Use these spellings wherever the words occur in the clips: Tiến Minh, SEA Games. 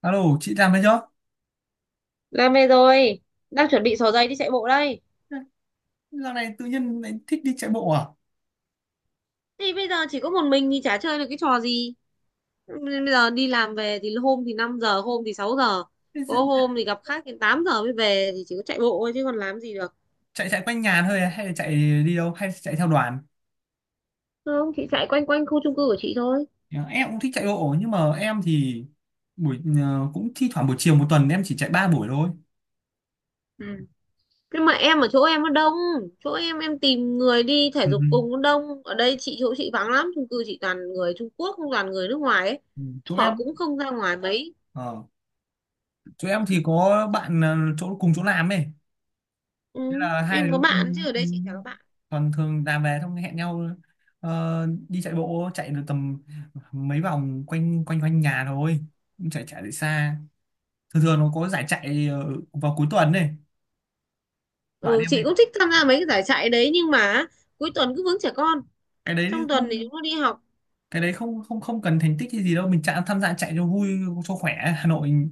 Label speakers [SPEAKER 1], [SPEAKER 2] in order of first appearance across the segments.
[SPEAKER 1] Alo, chị làm đấy chưa?
[SPEAKER 2] Làm về rồi, đang chuẩn bị xỏ giày đi chạy bộ đây.
[SPEAKER 1] Dạo này tự nhiên lại thích đi chạy bộ à?
[SPEAKER 2] Thì bây giờ chỉ có một mình thì chả chơi được cái trò gì. Bây giờ đi làm về thì hôm thì 5 giờ, hôm thì 6 giờ.
[SPEAKER 1] Thế
[SPEAKER 2] Có
[SPEAKER 1] dự-
[SPEAKER 2] hôm thì gặp khách đến 8 giờ mới về thì chỉ có chạy bộ thôi chứ còn làm gì được.
[SPEAKER 1] Chạy chạy quanh nhà
[SPEAKER 2] Ai
[SPEAKER 1] thôi à?
[SPEAKER 2] chạy với
[SPEAKER 1] Hay là
[SPEAKER 2] mình?
[SPEAKER 1] chạy đi đâu hay chạy theo đoàn?
[SPEAKER 2] Không, chị chạy quanh quanh khu chung cư của chị thôi.
[SPEAKER 1] Dạ, em cũng thích chạy bộ nhưng mà em thì buổi cũng thi thoảng buổi chiều, một tuần em chỉ chạy ba buổi thôi.
[SPEAKER 2] Ừ. Nhưng mà em ở chỗ em nó đông, chỗ em tìm người đi thể
[SPEAKER 1] Ừ.
[SPEAKER 2] dục cùng nó đông. Ở đây chị chỗ chị vắng lắm, chung cư chị toàn người Trung Quốc, toàn người nước ngoài ấy.
[SPEAKER 1] Ừ.
[SPEAKER 2] Họ cũng không ra ngoài mấy.
[SPEAKER 1] Ờ, Chỗ em thì có bạn, chỗ cùng chỗ làm ấy.
[SPEAKER 2] Ừ.
[SPEAKER 1] Thế là hai
[SPEAKER 2] Em có
[SPEAKER 1] đứa
[SPEAKER 2] bạn chứ
[SPEAKER 1] cùng
[SPEAKER 2] ở đây chị chả có bạn.
[SPEAKER 1] còn thường làm về xong hẹn nhau, đi chạy bộ, chạy được tầm mấy vòng quanh quanh quanh nhà thôi. Cũng chạy chạy được xa. Thường thường nó có giải chạy vào cuối tuần này bạn
[SPEAKER 2] Ừ,
[SPEAKER 1] em
[SPEAKER 2] chị
[SPEAKER 1] hay.
[SPEAKER 2] cũng thích tham gia mấy cái giải chạy đấy, nhưng mà cuối tuần cứ vướng trẻ con,
[SPEAKER 1] Cái đấy
[SPEAKER 2] trong tuần thì
[SPEAKER 1] không,
[SPEAKER 2] chúng nó đi học.
[SPEAKER 1] cái đấy không không không cần thành tích hay gì đâu, mình chạy tham gia chạy cho vui cho khỏe. Hà Nội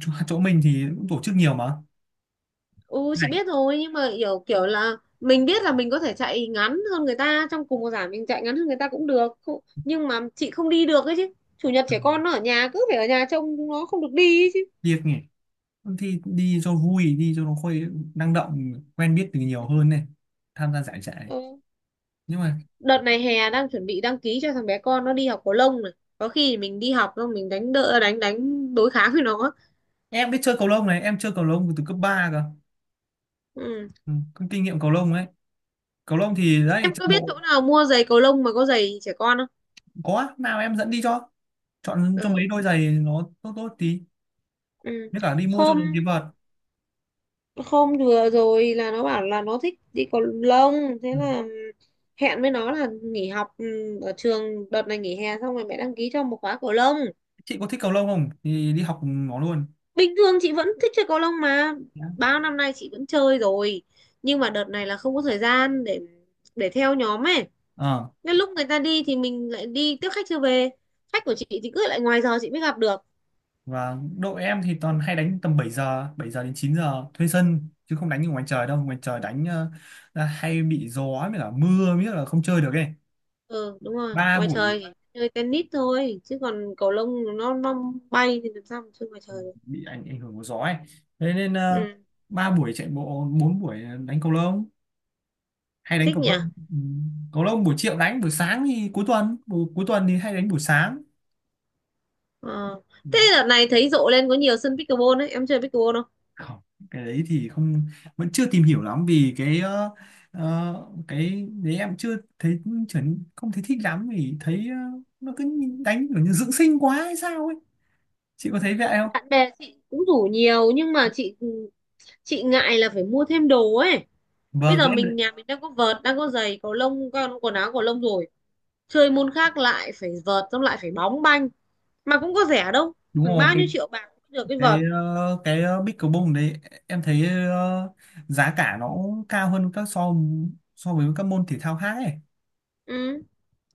[SPEAKER 1] chỗ mình thì cũng tổ chức nhiều mà
[SPEAKER 2] Ừ chị
[SPEAKER 1] giải
[SPEAKER 2] biết rồi, nhưng mà kiểu kiểu là mình biết là mình có thể chạy ngắn hơn người ta, trong cùng một giải mình chạy ngắn hơn người ta cũng được. Không- nhưng mà chị không đi được ấy chứ, chủ nhật trẻ con nó ở nhà cứ phải ở nhà trông chúng nó không được đi ấy chứ.
[SPEAKER 1] việc nhỉ, thì đi cho vui, đi cho nó khuây, năng động, quen biết từ nhiều hơn này, tham gia giải chạy
[SPEAKER 2] Ừ.
[SPEAKER 1] nhưng mà
[SPEAKER 2] Đợt này hè đang chuẩn bị đăng ký cho thằng bé con nó đi học cầu lông này, có khi thì mình đi học xong mình đánh đỡ đánh đánh đối kháng với nó.
[SPEAKER 1] em biết chơi cầu lông này, em chơi cầu lông từ cấp 3 cơ.
[SPEAKER 2] Ừ.
[SPEAKER 1] Ừ, có kinh nghiệm cầu lông đấy. Cầu lông thì đấy,
[SPEAKER 2] Em
[SPEAKER 1] chạy
[SPEAKER 2] có biết
[SPEAKER 1] bộ
[SPEAKER 2] chỗ nào mua giày cầu lông mà có giày trẻ con không?
[SPEAKER 1] có nào em dẫn đi cho, chọn cho
[SPEAKER 2] Ừ.
[SPEAKER 1] mấy đôi giày nó tốt tốt tí.
[SPEAKER 2] Ừ.
[SPEAKER 1] Nếu cả đi mua cho
[SPEAKER 2] hôm
[SPEAKER 1] đúng cái vợt.
[SPEAKER 2] Hôm vừa rồi là nó bảo là nó thích đi cầu lông, thế
[SPEAKER 1] Ừ.
[SPEAKER 2] là hẹn với nó là nghỉ học ở trường, đợt này nghỉ hè xong rồi mẹ đăng ký cho một khóa cầu lông.
[SPEAKER 1] Chị có thích cầu lông không? Thì đi học cùng nó luôn.
[SPEAKER 2] Bình thường chị vẫn thích chơi cầu lông mà,
[SPEAKER 1] Nhá.
[SPEAKER 2] bao năm nay chị vẫn chơi rồi, nhưng mà đợt này là không có thời gian để theo nhóm ấy,
[SPEAKER 1] Ờ.
[SPEAKER 2] nên lúc người ta đi thì mình lại đi tiếp khách chưa về, khách của chị thì cứ lại ngoài giờ chị mới gặp được.
[SPEAKER 1] Và đội em thì toàn hay đánh tầm 7 giờ đến 9 giờ thuê sân, chứ không đánh ở ngoài trời đâu, ngoài trời đánh là hay bị gió với cả mưa, biết là không chơi được ấy.
[SPEAKER 2] Ừ đúng rồi,
[SPEAKER 1] Ba
[SPEAKER 2] ngoài
[SPEAKER 1] buổi
[SPEAKER 2] trời chỉ chơi tennis thôi chứ còn cầu lông nó bay thì làm sao mà chơi ngoài trời được.
[SPEAKER 1] bị ảnh ảnh hưởng của gió ấy. Thế nên
[SPEAKER 2] Ừ.
[SPEAKER 1] ba buổi chạy bộ, bốn buổi đánh cầu lông, hay đánh
[SPEAKER 2] Thích
[SPEAKER 1] cầu
[SPEAKER 2] nhỉ.
[SPEAKER 1] lông. Ừ. Cầu lông buổi chiều đánh, buổi sáng thì cuối tuần, buổi cuối tuần thì hay đánh buổi sáng.
[SPEAKER 2] Ờ.
[SPEAKER 1] Ừ.
[SPEAKER 2] Thế đợt này thấy rộ lên có nhiều sân pickleball đấy, em chơi pickleball không?
[SPEAKER 1] Không, cái đấy thì không, vẫn chưa tìm hiểu lắm vì cái cái đấy em chưa thấy trở, không thấy thích lắm vì thấy nó cứ đánh kiểu như dưỡng sinh quá hay sao ấy, chị có thấy vậy không?
[SPEAKER 2] Bạn bè chị cũng rủ nhiều nhưng mà chị ngại là phải mua thêm đồ ấy, bây
[SPEAKER 1] Vâng,
[SPEAKER 2] giờ
[SPEAKER 1] cái em
[SPEAKER 2] mình nhà mình đang có vợt, đang có giày cầu lông con, quần áo cầu lông rồi, chơi môn khác lại phải vợt, xong lại phải bóng banh, mà cũng có rẻ đâu,
[SPEAKER 1] đúng
[SPEAKER 2] khoảng
[SPEAKER 1] rồi,
[SPEAKER 2] bao
[SPEAKER 1] cái
[SPEAKER 2] nhiêu triệu bạc cũng được cái
[SPEAKER 1] cái
[SPEAKER 2] vợt.
[SPEAKER 1] ờ, cái ờ, pickleball đấy em thấy giá cả nó cao hơn các so, so với các môn thể thao khác ấy.
[SPEAKER 2] Ừ,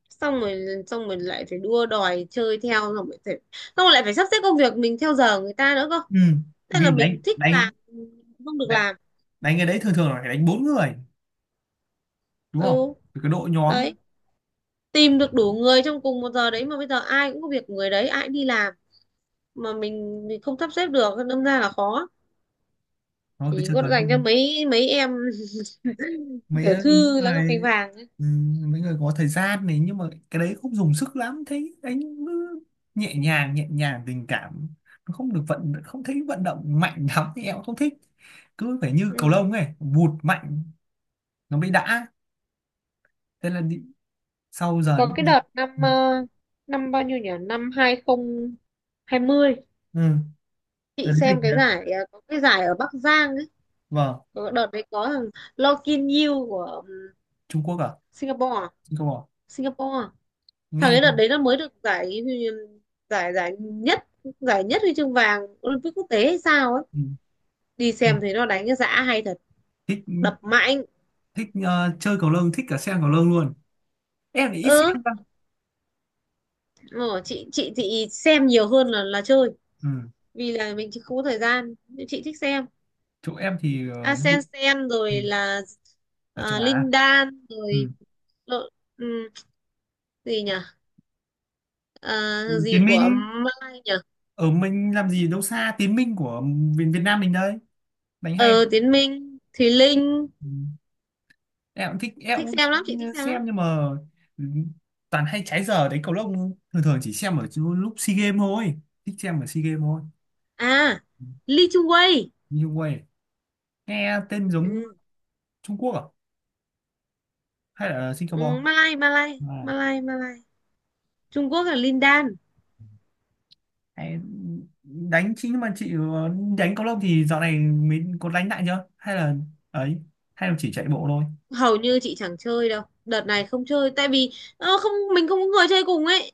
[SPEAKER 2] xong rồi lại phải đua đòi chơi theo, xong rồi phải xong rồi lại phải sắp xếp công việc mình theo giờ người ta nữa cơ,
[SPEAKER 1] Ừ.
[SPEAKER 2] nên là
[SPEAKER 1] Vì đánh
[SPEAKER 2] mình thích
[SPEAKER 1] đánh
[SPEAKER 2] làm mình không được
[SPEAKER 1] đánh
[SPEAKER 2] làm.
[SPEAKER 1] đánh cái đấy thường thường là phải đánh bốn người, đúng không?
[SPEAKER 2] Ừ,
[SPEAKER 1] Vì cái đội nhóm
[SPEAKER 2] đấy, tìm được đủ người trong cùng một giờ đấy, mà bây giờ ai cũng có việc của người đấy, ai cũng đi làm, mà mình không sắp xếp được đâm ra là khó,
[SPEAKER 1] nó cứ
[SPEAKER 2] chỉ
[SPEAKER 1] chơi
[SPEAKER 2] có
[SPEAKER 1] cần
[SPEAKER 2] dành cho mấy mấy em
[SPEAKER 1] mấy
[SPEAKER 2] tiểu thư lá ngọc cành
[SPEAKER 1] người,
[SPEAKER 2] vàng ấy.
[SPEAKER 1] ừ, mấy người có thời gian này, nhưng mà cái đấy không dùng sức lắm, thấy anh cứ nhẹ nhàng, nhẹ nhàng tình cảm, nó không được vận, không thấy vận động mạnh lắm thì em cũng không thích, cứ phải như cầu
[SPEAKER 2] Ừ.
[SPEAKER 1] lông ấy vụt mạnh nó mới đã. Thế là đi, sau giờ
[SPEAKER 2] Có
[SPEAKER 1] những
[SPEAKER 2] cái
[SPEAKER 1] giờ
[SPEAKER 2] đợt năm
[SPEAKER 1] ừ.
[SPEAKER 2] năm bao nhiêu nhỉ, năm hai không hai mươi,
[SPEAKER 1] Ừ, giờ
[SPEAKER 2] chị
[SPEAKER 1] đến dịch
[SPEAKER 2] xem cái
[SPEAKER 1] nhỉ.
[SPEAKER 2] giải có cái giải ở Bắc Giang.
[SPEAKER 1] Vâng.
[SPEAKER 2] Ờ, đợt đấy có thằng Lo Kin Yew của
[SPEAKER 1] Trung Quốc à?
[SPEAKER 2] Singapore à?
[SPEAKER 1] Trung Quốc à?
[SPEAKER 2] Singapore à? Thằng
[SPEAKER 1] Nghe
[SPEAKER 2] ấy đợt
[SPEAKER 1] ừ.
[SPEAKER 2] đấy nó mới được giải, giải nhất, giải nhất huy chương vàng Olympic quốc tế hay sao ấy,
[SPEAKER 1] Ừ.
[SPEAKER 2] đi
[SPEAKER 1] Ừ.
[SPEAKER 2] xem thấy nó đánh cái dã hay thật,
[SPEAKER 1] Thích,
[SPEAKER 2] đập mạnh.
[SPEAKER 1] thích chơi cầu lông, thích cả xem cầu lông luôn, em thì ít
[SPEAKER 2] Ừ.
[SPEAKER 1] xem cơ.
[SPEAKER 2] Ờ, chị chị xem nhiều hơn là chơi,
[SPEAKER 1] Ừ.
[SPEAKER 2] vì là mình chỉ không có thời gian, nhưng chị thích xem.
[SPEAKER 1] Chỗ em thì đi-
[SPEAKER 2] Asensen
[SPEAKER 1] ừ.
[SPEAKER 2] rồi là,
[SPEAKER 1] Ở châu
[SPEAKER 2] à,
[SPEAKER 1] Á.
[SPEAKER 2] Linh Đan
[SPEAKER 1] Ừ.
[SPEAKER 2] rồi, lộ- ừm, gì nhỉ, à,
[SPEAKER 1] Tiến
[SPEAKER 2] gì của
[SPEAKER 1] Minh,
[SPEAKER 2] Mai nhỉ,
[SPEAKER 1] ở mình làm gì đâu xa, Tiến Minh của Việt, Việt Nam mình đây, đánh hay.
[SPEAKER 2] ờ Tiến Minh, Thùy Linh,
[SPEAKER 1] Ừ. Em cũng thích, em
[SPEAKER 2] thích
[SPEAKER 1] cũng
[SPEAKER 2] xem lắm, chị thích xem lắm.
[SPEAKER 1] xem nhưng mà ừ, toàn hay trái giờ đấy cầu lông, thường thường chỉ xem ở chỗ lúc SEA Games thôi, thích xem ở SEA Games thôi.
[SPEAKER 2] À,
[SPEAKER 1] Ừ.
[SPEAKER 2] Lee Chung Wei.
[SPEAKER 1] Như vậy nghe tên giống
[SPEAKER 2] Ừ.
[SPEAKER 1] Trung Quốc à, hay là
[SPEAKER 2] Ừ,
[SPEAKER 1] Singapore
[SPEAKER 2] Malay Malay
[SPEAKER 1] à.
[SPEAKER 2] Malay Malay. Trung Quốc là Lin Dan.
[SPEAKER 1] Hay- đánh chính nhưng mà chị đánh cầu lông thì dạo này mình có đánh lại chưa, hay là ấy, hay là chỉ chạy bộ thôi?
[SPEAKER 2] Hầu như chị chẳng chơi đâu, đợt này không chơi tại vì không, mình không có người chơi cùng ấy,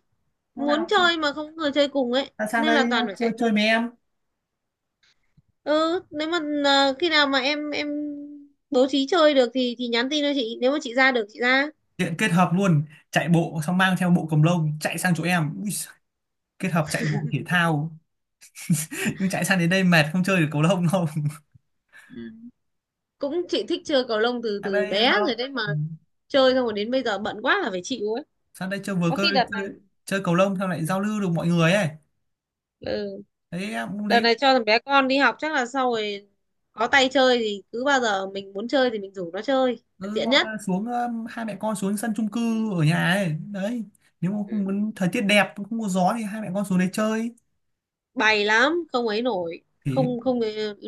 [SPEAKER 1] Lúc
[SPEAKER 2] muốn
[SPEAKER 1] nào
[SPEAKER 2] chơi mà không có người chơi cùng ấy
[SPEAKER 1] sang sang
[SPEAKER 2] nên là
[SPEAKER 1] đây
[SPEAKER 2] toàn phải
[SPEAKER 1] chơi,
[SPEAKER 2] chạy bộ.
[SPEAKER 1] chơi với em.
[SPEAKER 2] Ừ, nếu mà khi nào mà em bố trí chơi được thì nhắn tin cho chị, nếu mà chị ra được chị ra.
[SPEAKER 1] Hiện kết hợp luôn, chạy bộ xong mang theo bộ cầu lông chạy sang chỗ em. Ui, giời, kết hợp chạy bộ thể thao, nhưng chạy sang đến đây mệt không chơi được cầu lông đâu.
[SPEAKER 2] Cũng chị thích chơi cầu lông từ
[SPEAKER 1] Sang
[SPEAKER 2] từ
[SPEAKER 1] đây
[SPEAKER 2] bé rồi
[SPEAKER 1] giao.
[SPEAKER 2] đấy mà,
[SPEAKER 1] Ừ,
[SPEAKER 2] chơi xong rồi đến bây giờ bận quá là phải chịu ấy.
[SPEAKER 1] sang đây chơi vừa
[SPEAKER 2] Có
[SPEAKER 1] cơ
[SPEAKER 2] khi đợt này,
[SPEAKER 1] chơi, chơi cầu lông xong lại giao lưu được mọi người ấy,
[SPEAKER 2] ừ,
[SPEAKER 1] đấy em cũng
[SPEAKER 2] đợt
[SPEAKER 1] đấy.
[SPEAKER 2] này cho thằng bé con đi học chắc là sau rồi có tay chơi thì cứ bao giờ mình muốn chơi thì mình rủ nó chơi là
[SPEAKER 1] Ừ,
[SPEAKER 2] tiện
[SPEAKER 1] hoặc
[SPEAKER 2] nhất.
[SPEAKER 1] là xuống hai mẹ con xuống sân chung cư ở nhà ấy đấy, nếu mà
[SPEAKER 2] Ừ.
[SPEAKER 1] không muốn, thời tiết đẹp không có gió thì hai mẹ con xuống đấy chơi
[SPEAKER 2] Bày lắm không ấy nổi,
[SPEAKER 1] thì
[SPEAKER 2] không không,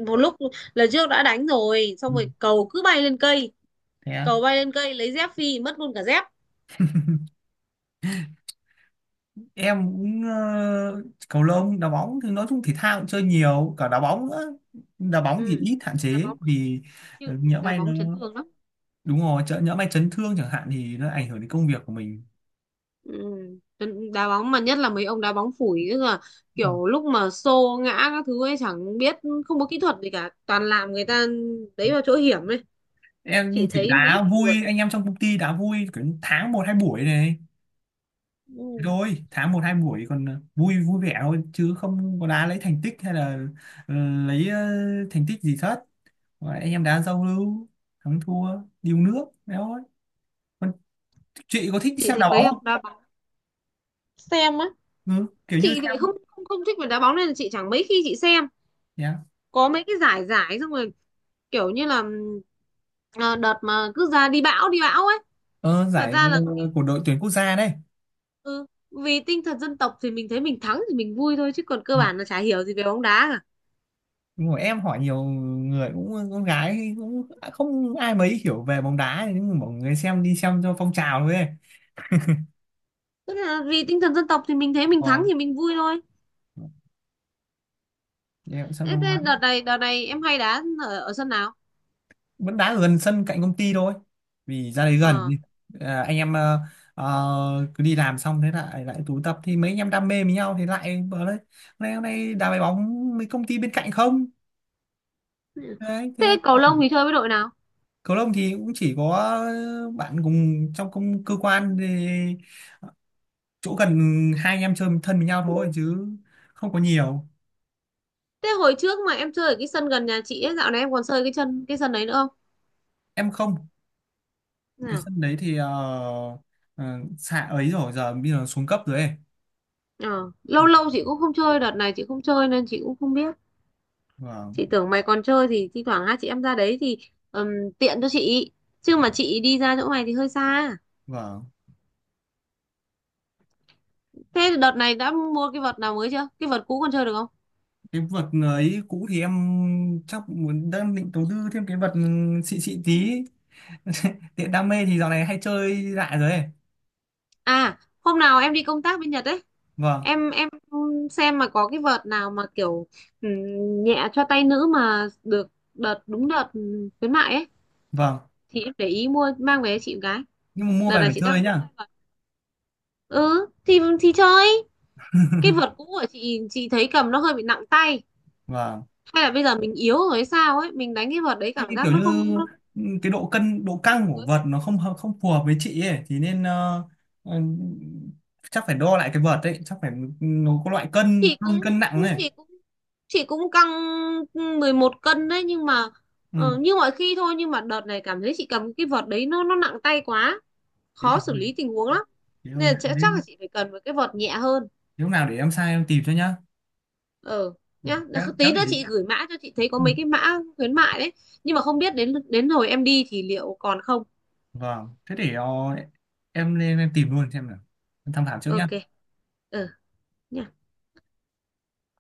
[SPEAKER 2] một lúc, lần trước đã đánh rồi xong
[SPEAKER 1] ừ.
[SPEAKER 2] rồi cầu cứ bay lên cây,
[SPEAKER 1] Thế
[SPEAKER 2] cầu bay lên cây lấy dép phi mất luôn cả dép.
[SPEAKER 1] em cũng cầu lông, đá bóng thì nói chung thể thao cũng chơi nhiều, cả đá bóng nữa. Đá bóng thì
[SPEAKER 2] Ừ.
[SPEAKER 1] ít, hạn
[SPEAKER 2] đá
[SPEAKER 1] chế
[SPEAKER 2] bóng
[SPEAKER 1] vì nhỡ
[SPEAKER 2] đá
[SPEAKER 1] may nó
[SPEAKER 2] bóng chấn thương lắm.
[SPEAKER 1] đúng rồi, chợ nhỡ may chấn thương chẳng hạn thì nó ảnh hưởng đến công việc của mình.
[SPEAKER 2] Ừ. Đá bóng mà nhất là mấy ông đá bóng phủi ấy là
[SPEAKER 1] Ừ.
[SPEAKER 2] kiểu lúc mà xô ngã các thứ ấy chẳng biết, không có kỹ thuật gì cả, toàn làm người ta đấy vào chỗ hiểm ấy.
[SPEAKER 1] Em
[SPEAKER 2] Chị
[SPEAKER 1] chỉ
[SPEAKER 2] thấy mấy
[SPEAKER 1] đá
[SPEAKER 2] vụ-.
[SPEAKER 1] vui anh em trong công ty, đá vui kiểu tháng một hai buổi này. Thế
[SPEAKER 2] Ừ.
[SPEAKER 1] thôi, tháng một hai buổi còn vui vui vẻ thôi chứ không có đá lấy thành tích, hay là ờ, lấy thành tích gì hết. Và anh em đá giao lưu, thắng thua điêu nước đấy thôi. Chị có thích
[SPEAKER 2] Chị
[SPEAKER 1] xem
[SPEAKER 2] thấy
[SPEAKER 1] đá bóng
[SPEAKER 2] mấy
[SPEAKER 1] không?
[SPEAKER 2] ông đá bóng. Xem á?
[SPEAKER 1] Ừ, kiểu như
[SPEAKER 2] Chị thì lại không
[SPEAKER 1] xem.
[SPEAKER 2] không không thích về đá bóng nên là chị chẳng mấy khi chị xem,
[SPEAKER 1] Yeah.
[SPEAKER 2] có mấy cái giải, giải xong rồi kiểu như là à, đợt mà cứ ra đi bão ấy,
[SPEAKER 1] Ờ,
[SPEAKER 2] thật
[SPEAKER 1] giải
[SPEAKER 2] ra là,
[SPEAKER 1] của đội tuyển quốc gia đây.
[SPEAKER 2] ừ, vì tinh thần dân tộc thì mình thấy mình thắng thì mình vui thôi chứ còn cơ
[SPEAKER 1] Ừ.
[SPEAKER 2] bản là chả hiểu gì về bóng đá.
[SPEAKER 1] Đúng rồi, em hỏi nhiều người cũng con gái cũng không ai mấy hiểu về bóng đá, nhưng mà mọi người xem đi xem cho phong trào thôi ấy.
[SPEAKER 2] Tức là vì tinh thần dân tộc thì mình thấy mình thắng
[SPEAKER 1] Rồi,
[SPEAKER 2] thì mình vui thôi.
[SPEAKER 1] em cũng xem
[SPEAKER 2] Thế,
[SPEAKER 1] đông
[SPEAKER 2] thế đợt
[SPEAKER 1] lắm.
[SPEAKER 2] này em hay đá ở sân nào?
[SPEAKER 1] Vẫn đá ở gần sân cạnh công ty thôi vì ra đấy gần.
[SPEAKER 2] Ờ.
[SPEAKER 1] À, anh em cứ đi làm xong thế lại lại tụ tập thì mấy anh em đam mê với nhau thì lại bảo đấy, hôm nay đá bài bóng mấy công ty bên cạnh không, đấy
[SPEAKER 2] Thế
[SPEAKER 1] thế.
[SPEAKER 2] cầu lông thì chơi với đội nào?
[SPEAKER 1] Cầu lông thì cũng chỉ có bạn cùng trong công, cơ quan thì chỗ gần, hai anh em chơi thân với nhau thôi chứ không có nhiều.
[SPEAKER 2] Thế hồi trước mà em chơi ở cái sân gần nhà chị ấy, dạo này em còn chơi cái chân cái sân đấy nữa không?
[SPEAKER 1] Em không, cái
[SPEAKER 2] Nào.
[SPEAKER 1] sân đấy thì ờ, xạ ấy rồi, giờ bây giờ xuống cấp rồi ấy.
[SPEAKER 2] Ờ. Lâu lâu chị cũng không chơi, đợt này chị không chơi nên chị cũng không biết.
[SPEAKER 1] Vâng.
[SPEAKER 2] Chị tưởng mày còn chơi thì thi thoảng hai chị em ra đấy thì ừm, tiện cho chị. Chứ mà chị đi ra chỗ mày thì hơi xa.
[SPEAKER 1] Vâng,
[SPEAKER 2] Thế đợt này đã mua cái vợt nào mới chưa? Cái vợt cũ còn chơi được không?
[SPEAKER 1] cái vật ấy cũ thì em chắc muốn, đang định đầu tư thêm cái vật xịn xịn tí, tiện đam mê thì dạo này hay chơi lại rồi ấy.
[SPEAKER 2] À, hôm nào em đi công tác bên Nhật ấy,
[SPEAKER 1] Vâng.
[SPEAKER 2] em xem mà có cái vợt nào mà kiểu, ừ, nhẹ cho tay nữ mà được, đợt đúng đợt, ừ, khuyến mại ấy
[SPEAKER 1] Vâng,
[SPEAKER 2] thì em để ý mua mang về cho chị một cái.
[SPEAKER 1] nhưng mà mua
[SPEAKER 2] Đợt
[SPEAKER 1] về
[SPEAKER 2] này
[SPEAKER 1] phải
[SPEAKER 2] chị đang
[SPEAKER 1] chơi
[SPEAKER 2] muốn
[SPEAKER 1] nhá.
[SPEAKER 2] chơi vợt, ừ thì chơi, cái vợt cũ của chị thấy cầm nó hơi bị nặng tay,
[SPEAKER 1] Vâng.
[SPEAKER 2] hay là bây giờ mình yếu rồi hay sao ấy, mình đánh cái vợt đấy
[SPEAKER 1] Thế
[SPEAKER 2] cảm
[SPEAKER 1] thì
[SPEAKER 2] giác
[SPEAKER 1] kiểu
[SPEAKER 2] nó không
[SPEAKER 1] như
[SPEAKER 2] nó,
[SPEAKER 1] cái độ cân, độ căng của vật nó không hợp- không phù hợp với chị ấy thì nên ờ, chắc phải đo lại cái vật ấy, chắc phải, nó có loại cân,
[SPEAKER 2] chị
[SPEAKER 1] cân
[SPEAKER 2] cũng
[SPEAKER 1] cân nặng này.
[SPEAKER 2] chị cũng chị cũng căng 11 cân đấy nhưng mà
[SPEAKER 1] Ừ.
[SPEAKER 2] như mọi khi thôi, nhưng mà đợt này cảm thấy chị cầm cái vợt đấy nó nặng tay quá,
[SPEAKER 1] Thế
[SPEAKER 2] khó
[SPEAKER 1] thì
[SPEAKER 2] xử
[SPEAKER 1] hơi,
[SPEAKER 2] lý tình huống lắm,
[SPEAKER 1] thế hơi
[SPEAKER 2] nên là
[SPEAKER 1] nặng
[SPEAKER 2] sẽ-
[SPEAKER 1] đấy.
[SPEAKER 2] chắc là chị phải cần một cái vợt nhẹ hơn.
[SPEAKER 1] Nếu nào để em sai em tìm cho nhá.
[SPEAKER 2] Ờ
[SPEAKER 1] Ừ,
[SPEAKER 2] nhá.
[SPEAKER 1] khéo
[SPEAKER 2] Đ-
[SPEAKER 1] khéo
[SPEAKER 2] tí nữa
[SPEAKER 1] để
[SPEAKER 2] chị gửi mã cho chị thấy có
[SPEAKER 1] ừ.
[SPEAKER 2] mấy cái mã khuyến mại đấy, nhưng mà không biết đến đến hồi em đi thì liệu còn không.
[SPEAKER 1] Vâng, thế để em lên em tìm luôn xem nào, em tham khảo trước nhá.
[SPEAKER 2] OK. Ờ nhá.